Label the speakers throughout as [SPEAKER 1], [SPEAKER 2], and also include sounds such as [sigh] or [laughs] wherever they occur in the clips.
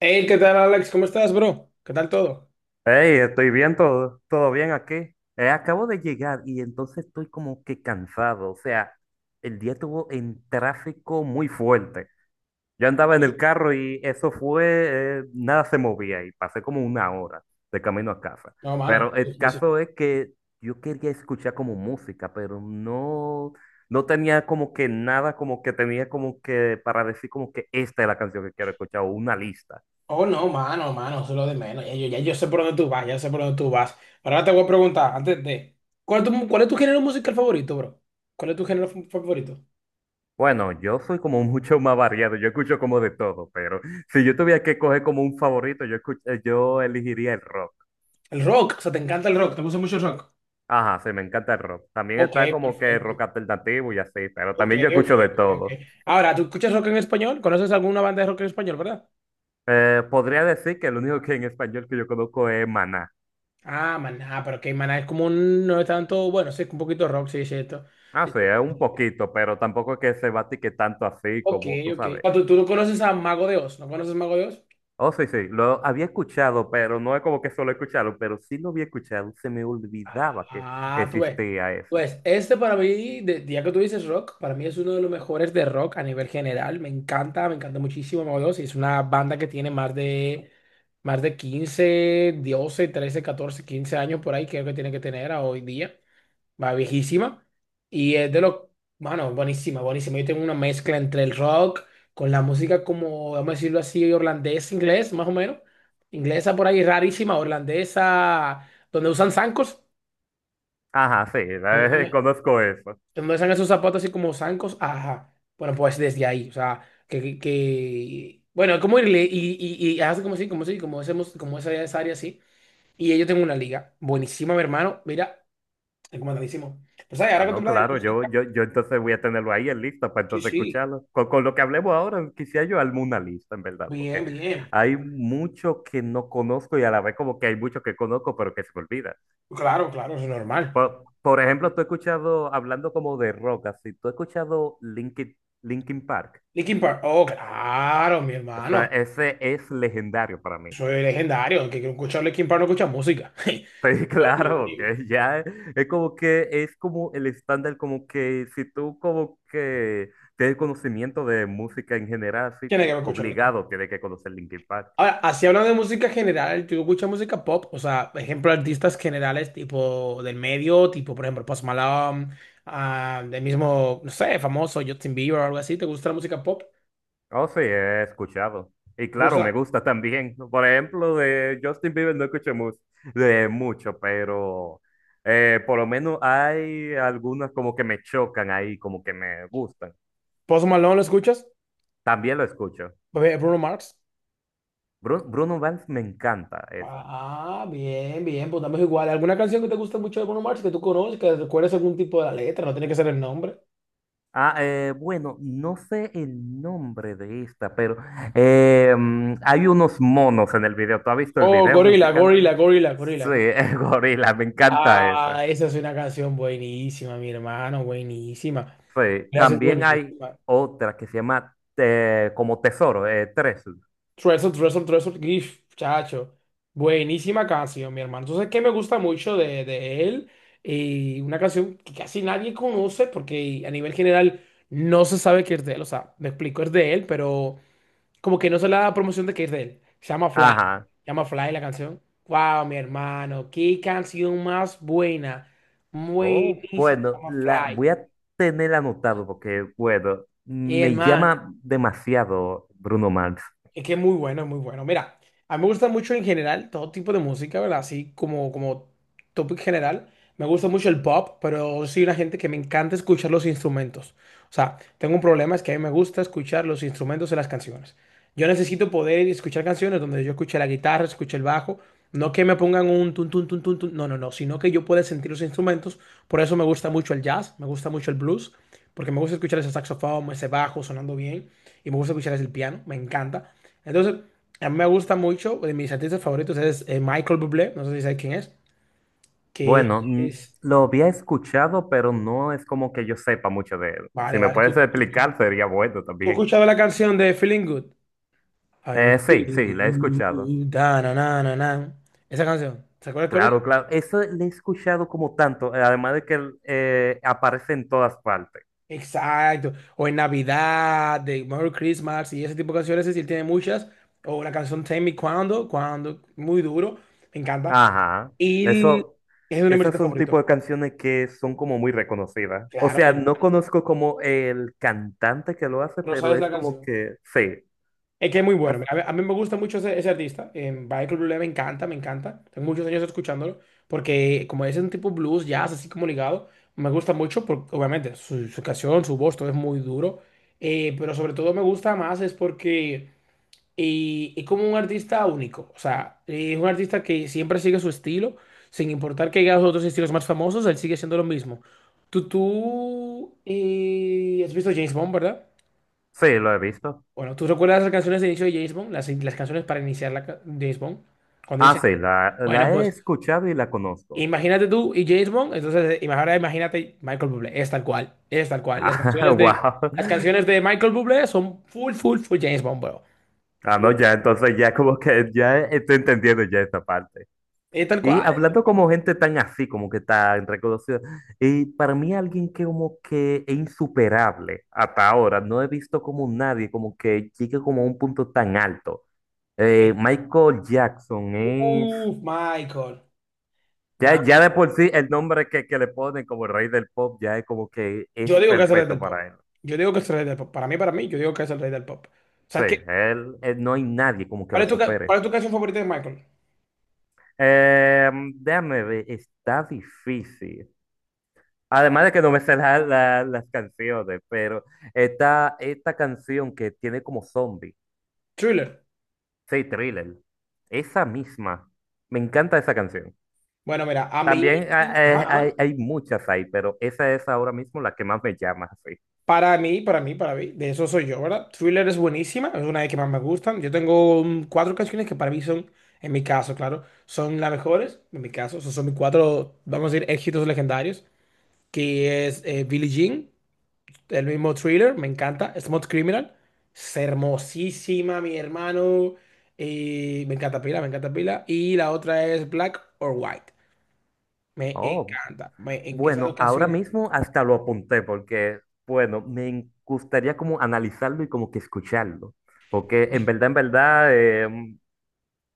[SPEAKER 1] Hey, ¿qué tal, Alex? ¿Cómo estás, bro? ¿Qué tal todo?
[SPEAKER 2] Hey, estoy bien, todo, todo bien aquí. Acabo de llegar y entonces estoy como que cansado. O sea, el día estuvo en tráfico muy fuerte. Yo
[SPEAKER 1] Ok.
[SPEAKER 2] andaba en el carro y eso fue, nada se movía y pasé como una hora de camino a casa.
[SPEAKER 1] No, mano,
[SPEAKER 2] Pero el caso es que yo quería escuchar como música, pero no, no tenía como que nada, como que tenía como que para decir como que esta es la canción que quiero escuchar o una lista.
[SPEAKER 1] oh, no, mano, mano, eso es lo de menos. Ya, yo sé por dónde tú vas, ya sé por dónde tú vas. Ahora te voy a preguntar, antes de... ¿Cuál es tu género musical favorito, bro? ¿Cuál es tu género favorito?
[SPEAKER 2] Bueno, yo soy como [laughs] mucho más variado, yo escucho como de todo, pero si yo tuviera que coger como un favorito, yo elegiría el rock.
[SPEAKER 1] El rock, o sea, te encanta el rock, te gusta mucho el rock.
[SPEAKER 2] Ajá, sí, me encanta el rock. También
[SPEAKER 1] Ok,
[SPEAKER 2] está como que el rock
[SPEAKER 1] perfecto.
[SPEAKER 2] alternativo y así, pero
[SPEAKER 1] Ok,
[SPEAKER 2] también yo
[SPEAKER 1] ok,
[SPEAKER 2] escucho de
[SPEAKER 1] ok, ok.
[SPEAKER 2] todo.
[SPEAKER 1] Ahora, ¿tú escuchas rock en español? ¿Conoces alguna banda de rock en español, verdad?
[SPEAKER 2] Podría decir que el único que en español que yo conozco es Maná.
[SPEAKER 1] Ah, maná, pero que maná es como un... no es tanto... Bueno, sí, un poquito rock, sí, es cierto.
[SPEAKER 2] Ah, sí, es un poquito, pero tampoco es que se batique tanto así
[SPEAKER 1] Ok,
[SPEAKER 2] como tú
[SPEAKER 1] ok.
[SPEAKER 2] sabes.
[SPEAKER 1] Ah, ¿Tú no conoces a Mago de Oz? ¿No conoces Mago de Oz?
[SPEAKER 2] Oh, sí, sí, lo había escuchado, pero no es como que solo escucharlo, pero sí lo había escuchado, se me olvidaba que
[SPEAKER 1] Ah, tú ves.
[SPEAKER 2] existía ese.
[SPEAKER 1] Pues este para mí, ya que tú dices rock, para mí es uno de los mejores de rock a nivel general. Me encanta muchísimo Mago de Oz. Y es una banda que tiene más de 15, 12, 13, 14, 15 años por ahí, creo que tiene que tener a hoy día. Va viejísima. Y es de lo, bueno, buenísima, buenísima. Yo tengo una mezcla entre el rock con la música como, vamos a decirlo así, holandés, inglés, más o menos. Inglesa por ahí, rarísima, holandesa, donde usan zancos,
[SPEAKER 2] Ajá, sí, [laughs]
[SPEAKER 1] donde usan,
[SPEAKER 2] conozco eso.
[SPEAKER 1] donde usan esos zapatos así como zancos. Ajá. Bueno, pues desde ahí, o sea, que bueno, como irle y hace como así, como así, como hacemos, como esa área así. Y yo tengo una liga, buenísima, mi hermano, mira, recomendadísimo. Pues ahí,
[SPEAKER 2] Ah,
[SPEAKER 1] ahora que tú
[SPEAKER 2] no,
[SPEAKER 1] hablas de
[SPEAKER 2] claro, yo,
[SPEAKER 1] música,
[SPEAKER 2] yo, yo entonces voy a tenerlo ahí en lista para
[SPEAKER 1] sí,
[SPEAKER 2] entonces
[SPEAKER 1] sí.
[SPEAKER 2] escucharlo. Con lo que hablemos ahora, quisiera yo armar una lista, en verdad,
[SPEAKER 1] Bien,
[SPEAKER 2] porque
[SPEAKER 1] bien.
[SPEAKER 2] hay mucho que no conozco y a la vez como que hay mucho que conozco, pero que se me olvida.
[SPEAKER 1] Claro, claro, eso es normal.
[SPEAKER 2] Por ejemplo, tú has escuchado, hablando como de rock, así, tú has escuchado Linkin Park.
[SPEAKER 1] Linkin Park. Oh, claro, mi
[SPEAKER 2] O sea,
[SPEAKER 1] hermano.
[SPEAKER 2] ese es legendario para mí.
[SPEAKER 1] Soy legendario. El que quiere escuchar Linkin Park no escucha música. [laughs]
[SPEAKER 2] Sí, [laughs]
[SPEAKER 1] Yo lo
[SPEAKER 2] claro,
[SPEAKER 1] mismo.
[SPEAKER 2] que ya es como que es como el estándar, como que si tú como que tienes conocimiento de música en general, sí,
[SPEAKER 1] Tiene que escuchar Linkin Park.
[SPEAKER 2] obligado tienes que conocer Linkin Park.
[SPEAKER 1] Ahora, así hablando de música general, ¿tú escuchas música pop? O sea, ejemplo, artistas generales tipo del medio, tipo, por ejemplo, Post Malone, ah, del mismo, no sé, famoso Justin Bieber o algo así. ¿Te gusta la música pop?
[SPEAKER 2] Oh, sí, he escuchado. Y
[SPEAKER 1] ¿Te
[SPEAKER 2] claro,
[SPEAKER 1] gusta?
[SPEAKER 2] me gusta también. Por ejemplo, de Justin Bieber no escucho de mucho, pero por lo menos hay algunas como que me chocan ahí, como que me gustan.
[SPEAKER 1] ¿Post Malone lo escuchas?
[SPEAKER 2] También lo escucho.
[SPEAKER 1] Bruno Mars.
[SPEAKER 2] Bruno Mars me encanta.
[SPEAKER 1] Ah, bien, bien, pues estamos igual. ¿Alguna canción que te guste mucho de Bruno Mars que tú conoces, que recuerdes algún tipo de la letra? No tiene que ser el nombre.
[SPEAKER 2] Ah, bueno, no sé el nombre de esta, pero hay unos monos en el video. ¿Tú has visto el
[SPEAKER 1] Oh,
[SPEAKER 2] video
[SPEAKER 1] Gorila,
[SPEAKER 2] musical?
[SPEAKER 1] Gorila, Gorila,
[SPEAKER 2] Sí,
[SPEAKER 1] Gorila.
[SPEAKER 2] [laughs] el gorila, me encanta esa.
[SPEAKER 1] Ah, esa es una canción buenísima, mi hermano, buenísima.
[SPEAKER 2] Sí,
[SPEAKER 1] Gracias,
[SPEAKER 2] también hay
[SPEAKER 1] buenísima.
[SPEAKER 2] otra que se llama como Tesoro, Treasure.
[SPEAKER 1] Treasure, Treasure, Treasure, GIF, chacho. Buenísima canción, mi hermano. Entonces, ¿qué me gusta mucho de él? Y una canción que casi nadie conoce porque a nivel general no se sabe que es de él. O sea, me explico, es de él, pero... como que no se le da promoción de que es de él. Se llama Fly. Se
[SPEAKER 2] Ajá.
[SPEAKER 1] llama Fly la canción. Wow, mi hermano. Qué canción más buena.
[SPEAKER 2] Oh,
[SPEAKER 1] Buenísima. Se
[SPEAKER 2] bueno,
[SPEAKER 1] llama
[SPEAKER 2] la
[SPEAKER 1] Fly.
[SPEAKER 2] voy a tener anotado porque, bueno,
[SPEAKER 1] Mi
[SPEAKER 2] me
[SPEAKER 1] hermano.
[SPEAKER 2] llama demasiado Bruno Mars.
[SPEAKER 1] Es que es muy bueno, es muy bueno. Mira, a mí me gusta mucho en general todo tipo de música, ¿verdad? Así como, como topic general. Me gusta mucho el pop, pero soy una gente que me encanta escuchar los instrumentos. O sea, tengo un problema, es que a mí me gusta escuchar los instrumentos en las canciones. Yo necesito poder escuchar canciones donde yo escuche la guitarra, escuche el bajo. No que me pongan un tun, tun, tun, tun, tun. No, no, no. Sino que yo pueda sentir los instrumentos. Por eso me gusta mucho el jazz, me gusta mucho el blues, porque me gusta escuchar ese saxofón, ese bajo sonando bien. Y me gusta escuchar ese piano, me encanta. Entonces, a mí me gusta mucho, de mis artistas favoritos es Michael Bublé, no sé si sabes quién es, que
[SPEAKER 2] Bueno,
[SPEAKER 1] es...
[SPEAKER 2] lo había escuchado, pero no es como que yo sepa mucho de él. Si
[SPEAKER 1] Vale,
[SPEAKER 2] me
[SPEAKER 1] vale, ¿tú,
[SPEAKER 2] puedes explicar, sería bueno
[SPEAKER 1] tú has
[SPEAKER 2] también.
[SPEAKER 1] escuchado la canción de Feeling Good? I'm
[SPEAKER 2] Sí,
[SPEAKER 1] feeling
[SPEAKER 2] sí, la he escuchado.
[SPEAKER 1] good, da, na, na, na, na. Esa canción, ¿se acuerdas cuál es?
[SPEAKER 2] Claro, claro. Eso le he escuchado como tanto, además de que él, aparece en todas partes.
[SPEAKER 1] Exacto, o en Navidad, de Merry Christmas y ese tipo de canciones, es decir, tiene muchas, o la canción Tell Me Cuando, Cuando, muy duro, me encanta,
[SPEAKER 2] Ajá.
[SPEAKER 1] y el-
[SPEAKER 2] Eso,
[SPEAKER 1] es de mi
[SPEAKER 2] esas
[SPEAKER 1] artista
[SPEAKER 2] son
[SPEAKER 1] favorito,
[SPEAKER 2] tipo de canciones que son como muy reconocidas. O
[SPEAKER 1] claro, mi
[SPEAKER 2] sea, no
[SPEAKER 1] hermano,
[SPEAKER 2] conozco como el cantante que lo hace,
[SPEAKER 1] Rosario
[SPEAKER 2] pero
[SPEAKER 1] es la
[SPEAKER 2] es como
[SPEAKER 1] canción.
[SPEAKER 2] que sí.
[SPEAKER 1] Es que es muy bueno. A
[SPEAKER 2] Ah,
[SPEAKER 1] mí, a mí me gusta mucho ese artista. Michael Bublé me encanta, me encanta. Tengo muchos años escuchándolo. Porque como es un tipo blues, jazz, así como ligado, me gusta mucho. Porque, obviamente, su canción, su voz, todo es muy duro. Pero sobre todo me gusta más es porque es como un artista único. O sea, es un artista que siempre sigue su estilo. Sin importar que haya los otros estilos más famosos, él sigue siendo lo mismo. Tú has visto James Bond, ¿verdad?
[SPEAKER 2] sí, lo he visto.
[SPEAKER 1] Bueno, ¿tú recuerdas las canciones de inicio de James Bond? Las canciones para iniciar la James Bond. Cuando
[SPEAKER 2] Ah,
[SPEAKER 1] dicen,
[SPEAKER 2] sí, la,
[SPEAKER 1] bueno,
[SPEAKER 2] la he
[SPEAKER 1] pues
[SPEAKER 2] escuchado y la conozco.
[SPEAKER 1] imagínate tú y James Bond, entonces ahora imagínate Michael Bublé, es tal cual, es tal cual.
[SPEAKER 2] Ah, [laughs] wow.
[SPEAKER 1] Las canciones de Michael Bublé son full, full, full James Bond, bro.
[SPEAKER 2] Ah,
[SPEAKER 1] Full,
[SPEAKER 2] no, ya, entonces ya como que ya estoy entendiendo ya esta parte.
[SPEAKER 1] es tal
[SPEAKER 2] Y
[SPEAKER 1] cual.
[SPEAKER 2] hablando como gente tan así, como que tan reconocida, y para mí alguien que como que es insuperable hasta ahora, no he visto como nadie como que llegue como a un punto tan alto. Eh,
[SPEAKER 1] Eh.
[SPEAKER 2] Michael Jackson es,
[SPEAKER 1] Uf, Michael. Ma-
[SPEAKER 2] ya, ya de por sí el nombre que le ponen como el rey del pop ya es como que
[SPEAKER 1] Yo
[SPEAKER 2] es
[SPEAKER 1] digo que es el rey
[SPEAKER 2] perfecto
[SPEAKER 1] del pop.
[SPEAKER 2] para él.
[SPEAKER 1] Yo digo que es el rey del pop. Para mí, yo digo que es el rey del pop.
[SPEAKER 2] Sí,
[SPEAKER 1] ¿Sabes qué?
[SPEAKER 2] él no hay nadie como que
[SPEAKER 1] ¿Cuál
[SPEAKER 2] lo
[SPEAKER 1] es cuál
[SPEAKER 2] supere.
[SPEAKER 1] es tu canción favorita de Michael?
[SPEAKER 2] Déjame ver, está difícil. Además de que no me sé las canciones, pero está esta canción que tiene como zombie,
[SPEAKER 1] Thriller.
[SPEAKER 2] sí, Thriller, esa misma. Me encanta esa canción.
[SPEAKER 1] Bueno, mira, a mí...
[SPEAKER 2] También
[SPEAKER 1] Ajá,
[SPEAKER 2] hay,
[SPEAKER 1] ajá.
[SPEAKER 2] hay muchas ahí, pero esa es ahora mismo la que más me llama, sí.
[SPEAKER 1] Para mí, para mí, para mí, de eso soy yo, ¿verdad? Thriller es buenísima, es una de las que más me gustan. Yo tengo 4 canciones que para mí son, en mi caso, claro, son las mejores, en mi caso, esos son mis 4, vamos a decir, éxitos legendarios, que es Billie Jean, el mismo Thriller, me encanta, Smooth Criminal, es hermosísima, mi hermano, y me encanta pila, y la otra es Black or White, me
[SPEAKER 2] Oh,
[SPEAKER 1] encanta, me, en esas dos
[SPEAKER 2] bueno, ahora
[SPEAKER 1] canciones,
[SPEAKER 2] mismo hasta lo apunté porque, bueno, gustaría como analizarlo y como que escucharlo, porque en verdad, en verdad,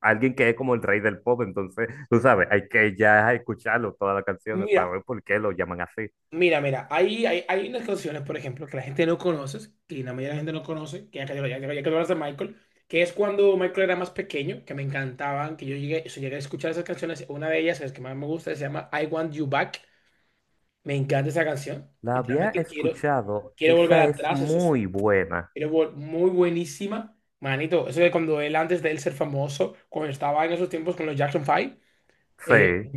[SPEAKER 2] alguien que es como el rey del pop, entonces, tú sabes, hay que ya escucharlo, todas las canciones, para
[SPEAKER 1] mira.
[SPEAKER 2] ver por qué lo llaman así.
[SPEAKER 1] Mira, mira, hay unas canciones, por ejemplo, que la gente no conoce, que la mayoría de la gente no conoce, que ya que hablas de Michael, que es cuando Michael era más pequeño, que me encantaban, que yo llegué a escuchar esas canciones. Una de ellas, que es que más me gusta, se llama I Want You Back. Me encanta esa canción.
[SPEAKER 2] La había
[SPEAKER 1] Literalmente
[SPEAKER 2] escuchado,
[SPEAKER 1] quiero volver
[SPEAKER 2] esa es
[SPEAKER 1] atrás, eso es
[SPEAKER 2] muy buena.
[SPEAKER 1] muy buenísima. Manito, eso de cuando él, antes de él ser famoso, cuando estaba en esos tiempos con los Jackson 5 eh,
[SPEAKER 2] Sí,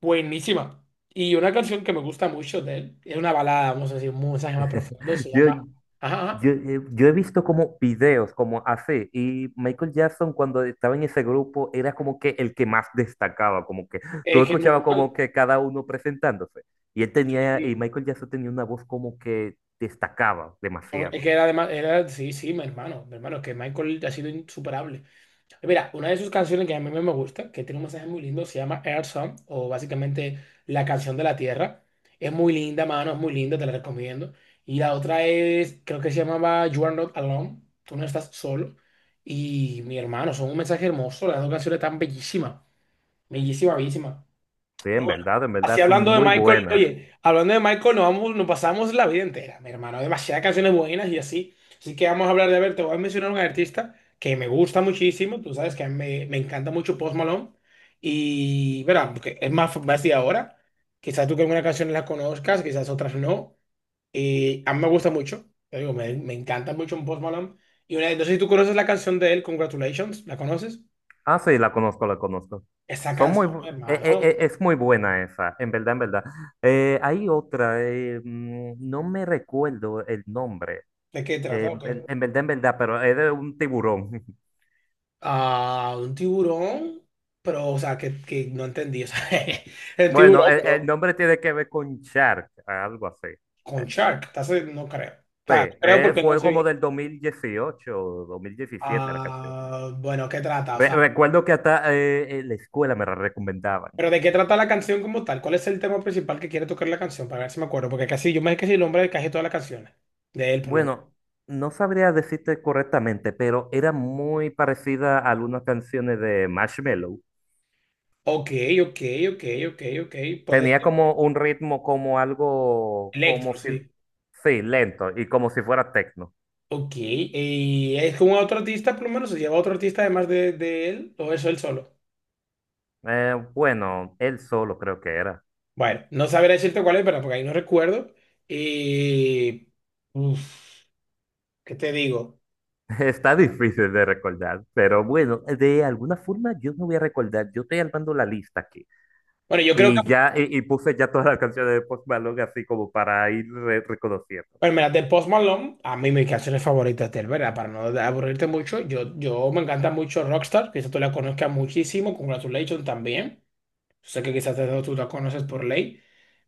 [SPEAKER 1] buenísima. Y una canción que me gusta mucho de él, es una balada, vamos a decir, un mensaje más profundo, se
[SPEAKER 2] yo,
[SPEAKER 1] llama... Ajá, ajá.
[SPEAKER 2] yo he visto como videos como así, y Michael Jackson cuando estaba en ese grupo era como que el que más destacaba, como que tú
[SPEAKER 1] Es que es
[SPEAKER 2] escuchabas como
[SPEAKER 1] normal.
[SPEAKER 2] que cada uno presentándose, y
[SPEAKER 1] Sí.
[SPEAKER 2] Michael Jackson tenía una voz como que destacaba
[SPEAKER 1] Sobre- Es
[SPEAKER 2] demasiado.
[SPEAKER 1] que era además, era, sí, sí, mi hermano, es que Michael ha sido insuperable. Mira, una de sus canciones que a mí me gusta, que tiene un mensaje muy lindo, se llama Earth Song, o básicamente la canción de la tierra. Es muy linda, mano, es muy linda, te la recomiendo. Y la otra es, creo que se llamaba You Are Not Alone, tú no estás solo. Y mi hermano, son un mensaje hermoso, las dos canciones están bellísimas, bellísima, bellísima.
[SPEAKER 2] Sí, en
[SPEAKER 1] Así
[SPEAKER 2] verdad son
[SPEAKER 1] hablando de
[SPEAKER 2] muy
[SPEAKER 1] Michael,
[SPEAKER 2] buenas.
[SPEAKER 1] oye, hablando de Michael, nos vamos, nos pasamos la vida entera, mi hermano, demasiadas canciones buenas y así. Así que vamos a hablar de, a ver, te voy a mencionar un artista que me gusta muchísimo, tú sabes que a mí me encanta mucho Post Malone. Y, verá, porque es más de ahora. Quizás tú que alguna canción la conozcas, quizás otras no. Y a mí me gusta mucho, te digo, me encanta mucho Post Malone. Y una, entonces, sé si tú conoces la canción de él, Congratulations, ¿la conoces?
[SPEAKER 2] Ah, sí, la conozco, la conozco.
[SPEAKER 1] Esa
[SPEAKER 2] Son muy,
[SPEAKER 1] canción, mi hermano,
[SPEAKER 2] es muy buena esa, en verdad, en verdad. Hay otra, no me recuerdo el nombre,
[SPEAKER 1] ¿de qué trata o qué?
[SPEAKER 2] en verdad, pero es de un tiburón. [laughs]
[SPEAKER 1] Ah, un tiburón, pero, o sea, que no entendí, o sea, [laughs] el
[SPEAKER 2] Bueno,
[SPEAKER 1] tiburón,
[SPEAKER 2] el
[SPEAKER 1] pero
[SPEAKER 2] nombre tiene que ver con Shark, algo así. Eh,
[SPEAKER 1] con shark, entonces no creo. O
[SPEAKER 2] Sí
[SPEAKER 1] sea, no creo porque no
[SPEAKER 2] fue
[SPEAKER 1] sé
[SPEAKER 2] como
[SPEAKER 1] bien.
[SPEAKER 2] del 2018 o diecisiete la canción.
[SPEAKER 1] Ah, bueno, ¿qué trata? O sea,
[SPEAKER 2] Recuerdo que hasta en la escuela me la recomendaban.
[SPEAKER 1] pero ¿de qué trata la canción como tal? ¿Cuál es el tema principal que quiere tocar la canción? Para ver si me acuerdo, porque casi, yo me sé casi el nombre de casi todas las canciones, de él por lo menos.
[SPEAKER 2] Bueno, no sabría decirte correctamente, pero era muy parecida a algunas canciones de Marshmello.
[SPEAKER 1] Ok, ok, ok, ok, ok, puede
[SPEAKER 2] Tenía
[SPEAKER 1] ser.
[SPEAKER 2] como un ritmo como algo, como
[SPEAKER 1] Electro,
[SPEAKER 2] si,
[SPEAKER 1] sí.
[SPEAKER 2] sí, lento y como si fuera techno.
[SPEAKER 1] Ok, ¿y es con otro artista por lo menos? ¿Se lleva otro artista además de él o eso él solo?
[SPEAKER 2] Bueno, él solo creo que era.
[SPEAKER 1] Bueno, no sabré decirte cuál es, pero porque ahí no recuerdo. Y. Uf, ¿qué te digo?
[SPEAKER 2] [laughs] Está difícil de recordar, pero bueno, de alguna forma yo no voy a recordar. Yo estoy armando la lista aquí
[SPEAKER 1] Bueno, yo creo
[SPEAKER 2] y
[SPEAKER 1] que.
[SPEAKER 2] ya y puse ya todas las canciones de Post Malone así como para ir reconociendo.
[SPEAKER 1] Bueno, mira, de Post Malone, a mí mis canciones favoritas de él, ¿verdad? Para no aburrirte mucho, yo me encanta mucho Rockstar, quizás tú la conozcas muchísimo, Congratulations también. Yo sé que quizás tú la conoces por ley,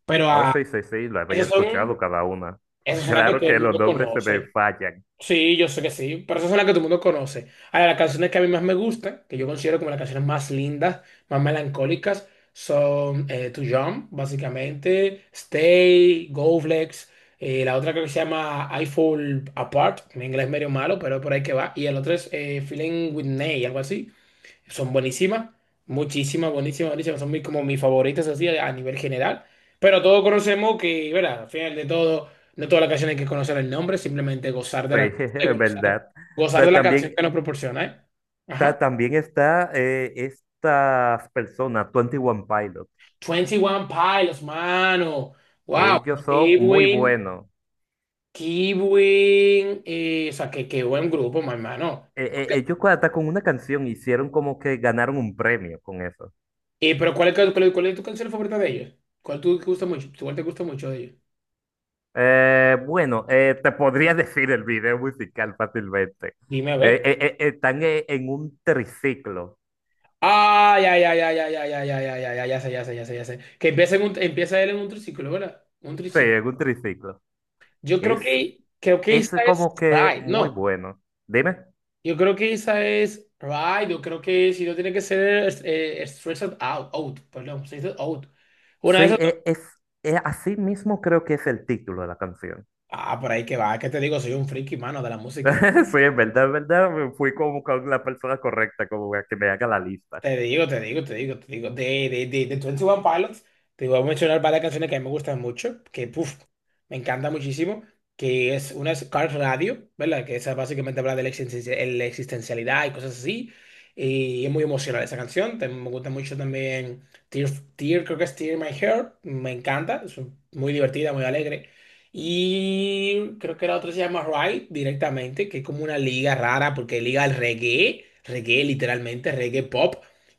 [SPEAKER 1] pero
[SPEAKER 2] Oh,
[SPEAKER 1] ah,
[SPEAKER 2] sí, sí, sí, lo había
[SPEAKER 1] esas son,
[SPEAKER 2] escuchado cada una.
[SPEAKER 1] esas
[SPEAKER 2] [laughs]
[SPEAKER 1] son las que
[SPEAKER 2] Claro
[SPEAKER 1] todo
[SPEAKER 2] que
[SPEAKER 1] el
[SPEAKER 2] los
[SPEAKER 1] mundo
[SPEAKER 2] nombres se me
[SPEAKER 1] conoce.
[SPEAKER 2] fallan.
[SPEAKER 1] Sí, yo sé que sí, pero esas son las que todo el mundo conoce. Ahora, las canciones que a mí más me gustan, que yo considero como las canciones más lindas, más melancólicas, son To Jump, básicamente, Stay, Go Flex, la otra creo que se llama I Fall Apart, mi inglés medio malo, pero por ahí que va, y el otro es Feeling With Ney, algo así son buenísimas, muchísimas, buenísimas, buenísimas, son muy, como mis favoritas así a nivel general, pero todos conocemos que, ¿verdad? Al final de todo, no todas las canciones hay que conocer el nombre, simplemente gozar de
[SPEAKER 2] Sí,
[SPEAKER 1] la
[SPEAKER 2] [laughs]
[SPEAKER 1] y
[SPEAKER 2] es
[SPEAKER 1] gozar,
[SPEAKER 2] verdad.
[SPEAKER 1] gozar de
[SPEAKER 2] Pero
[SPEAKER 1] la canción
[SPEAKER 2] también,
[SPEAKER 1] que nos proporciona, ¿eh? Ajá.
[SPEAKER 2] también está estas personas, 21 Pilot.
[SPEAKER 1] 21 Pilots, mano. Wow,
[SPEAKER 2] Ellos
[SPEAKER 1] pero
[SPEAKER 2] son muy buenos.
[SPEAKER 1] qué buen, o sea, qué buen grupo, mi hermano.
[SPEAKER 2] Eh, eh,
[SPEAKER 1] Ok.
[SPEAKER 2] ellos hasta con una canción hicieron como que ganaron un premio con eso.
[SPEAKER 1] Pero cuál es tu canción favorita de ellos? ¿Cuál tú te gusta mucho? ¿Cuál te gusta mucho de ellos?
[SPEAKER 2] Bueno, te podría [laughs] decir el video musical fácilmente.
[SPEAKER 1] Dime a
[SPEAKER 2] Eh,
[SPEAKER 1] ver.
[SPEAKER 2] eh, eh, están en un triciclo.
[SPEAKER 1] Ay, ay, ay, ay, ay, ay, ay, ay, ay, ay, ay, ya sé, ya sé, ya sé, ya sé. Que empieza, empieza él en un triciclo, ¿verdad? Un
[SPEAKER 2] Sí,
[SPEAKER 1] triciclo.
[SPEAKER 2] en un triciclo. Es
[SPEAKER 1] Creo que
[SPEAKER 2] Es
[SPEAKER 1] esa es
[SPEAKER 2] como que
[SPEAKER 1] Ride,
[SPEAKER 2] muy
[SPEAKER 1] no.
[SPEAKER 2] bueno. Dime.
[SPEAKER 1] Yo creo que esa es Ride, yo creo que si no tiene que ser Stressed Out, Stressed Out. Una de
[SPEAKER 2] Sí,
[SPEAKER 1] esas.
[SPEAKER 2] así mismo creo que es el título de la canción.
[SPEAKER 1] Ah, por ahí que va, que te digo, soy un friki, mano, de la música.
[SPEAKER 2] [laughs] Sí, en verdad, me fui como con la persona correcta, como para que me haga la lista.
[SPEAKER 1] Te digo, te digo, te digo, te digo. De Twenty One Pilots, te voy a mencionar varias canciones que a mí me gustan mucho, que puf, me encanta muchísimo, que es una es Car Radio, ¿verdad? Que esa básicamente habla de la existencialidad y cosas así. Y es muy emocional esa canción. También me gusta mucho también Tear, Tear, creo que es Tear in My Heart. Me encanta, es muy divertida, muy alegre. Y creo que la otra se llama Ride directamente, que es como una liga rara, porque liga al reggae, reggae literalmente, reggae pop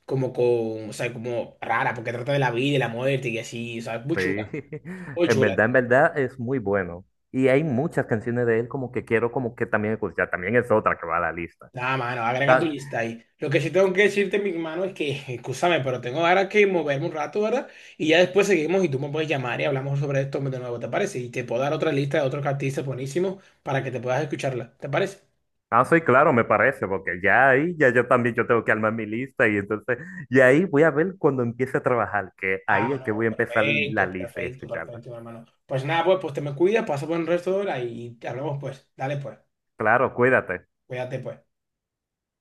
[SPEAKER 1] como con, o sea, como rara, porque trata de la vida y la muerte y así, o sea, muy chula,
[SPEAKER 2] Sí, [laughs]
[SPEAKER 1] muy chula.
[SPEAKER 2] en verdad es muy bueno. Y hay muchas canciones de él como que quiero como que también escuchar. También es otra que va a la lista.
[SPEAKER 1] Nada, mano, agrega tu
[SPEAKER 2] Ta-
[SPEAKER 1] lista ahí. Lo que sí tengo que decirte, mi hermano, es que, [laughs] escúchame, pero tengo ahora que moverme un rato, ¿verdad? Y ya después seguimos y tú me puedes llamar y hablamos sobre esto de nuevo, ¿te parece? Y te puedo dar otra lista de otros artistas buenísimos para que te puedas escucharla, ¿te parece?
[SPEAKER 2] Ah, sí, claro, me parece, porque ya ahí, ya yo también yo tengo que armar mi lista y entonces, y ahí voy a ver cuando empiece a trabajar, que
[SPEAKER 1] Ah,
[SPEAKER 2] ahí es que
[SPEAKER 1] no,
[SPEAKER 2] voy a empezar la
[SPEAKER 1] perfecto,
[SPEAKER 2] lista y
[SPEAKER 1] perfecto,
[SPEAKER 2] escucharla.
[SPEAKER 1] perfecto, mi hermano. Pues nada, pues, pues te me cuidas, pasa buen resto de hora y te hablamos pues. Dale pues,
[SPEAKER 2] Claro, cuídate.
[SPEAKER 1] cuídate pues.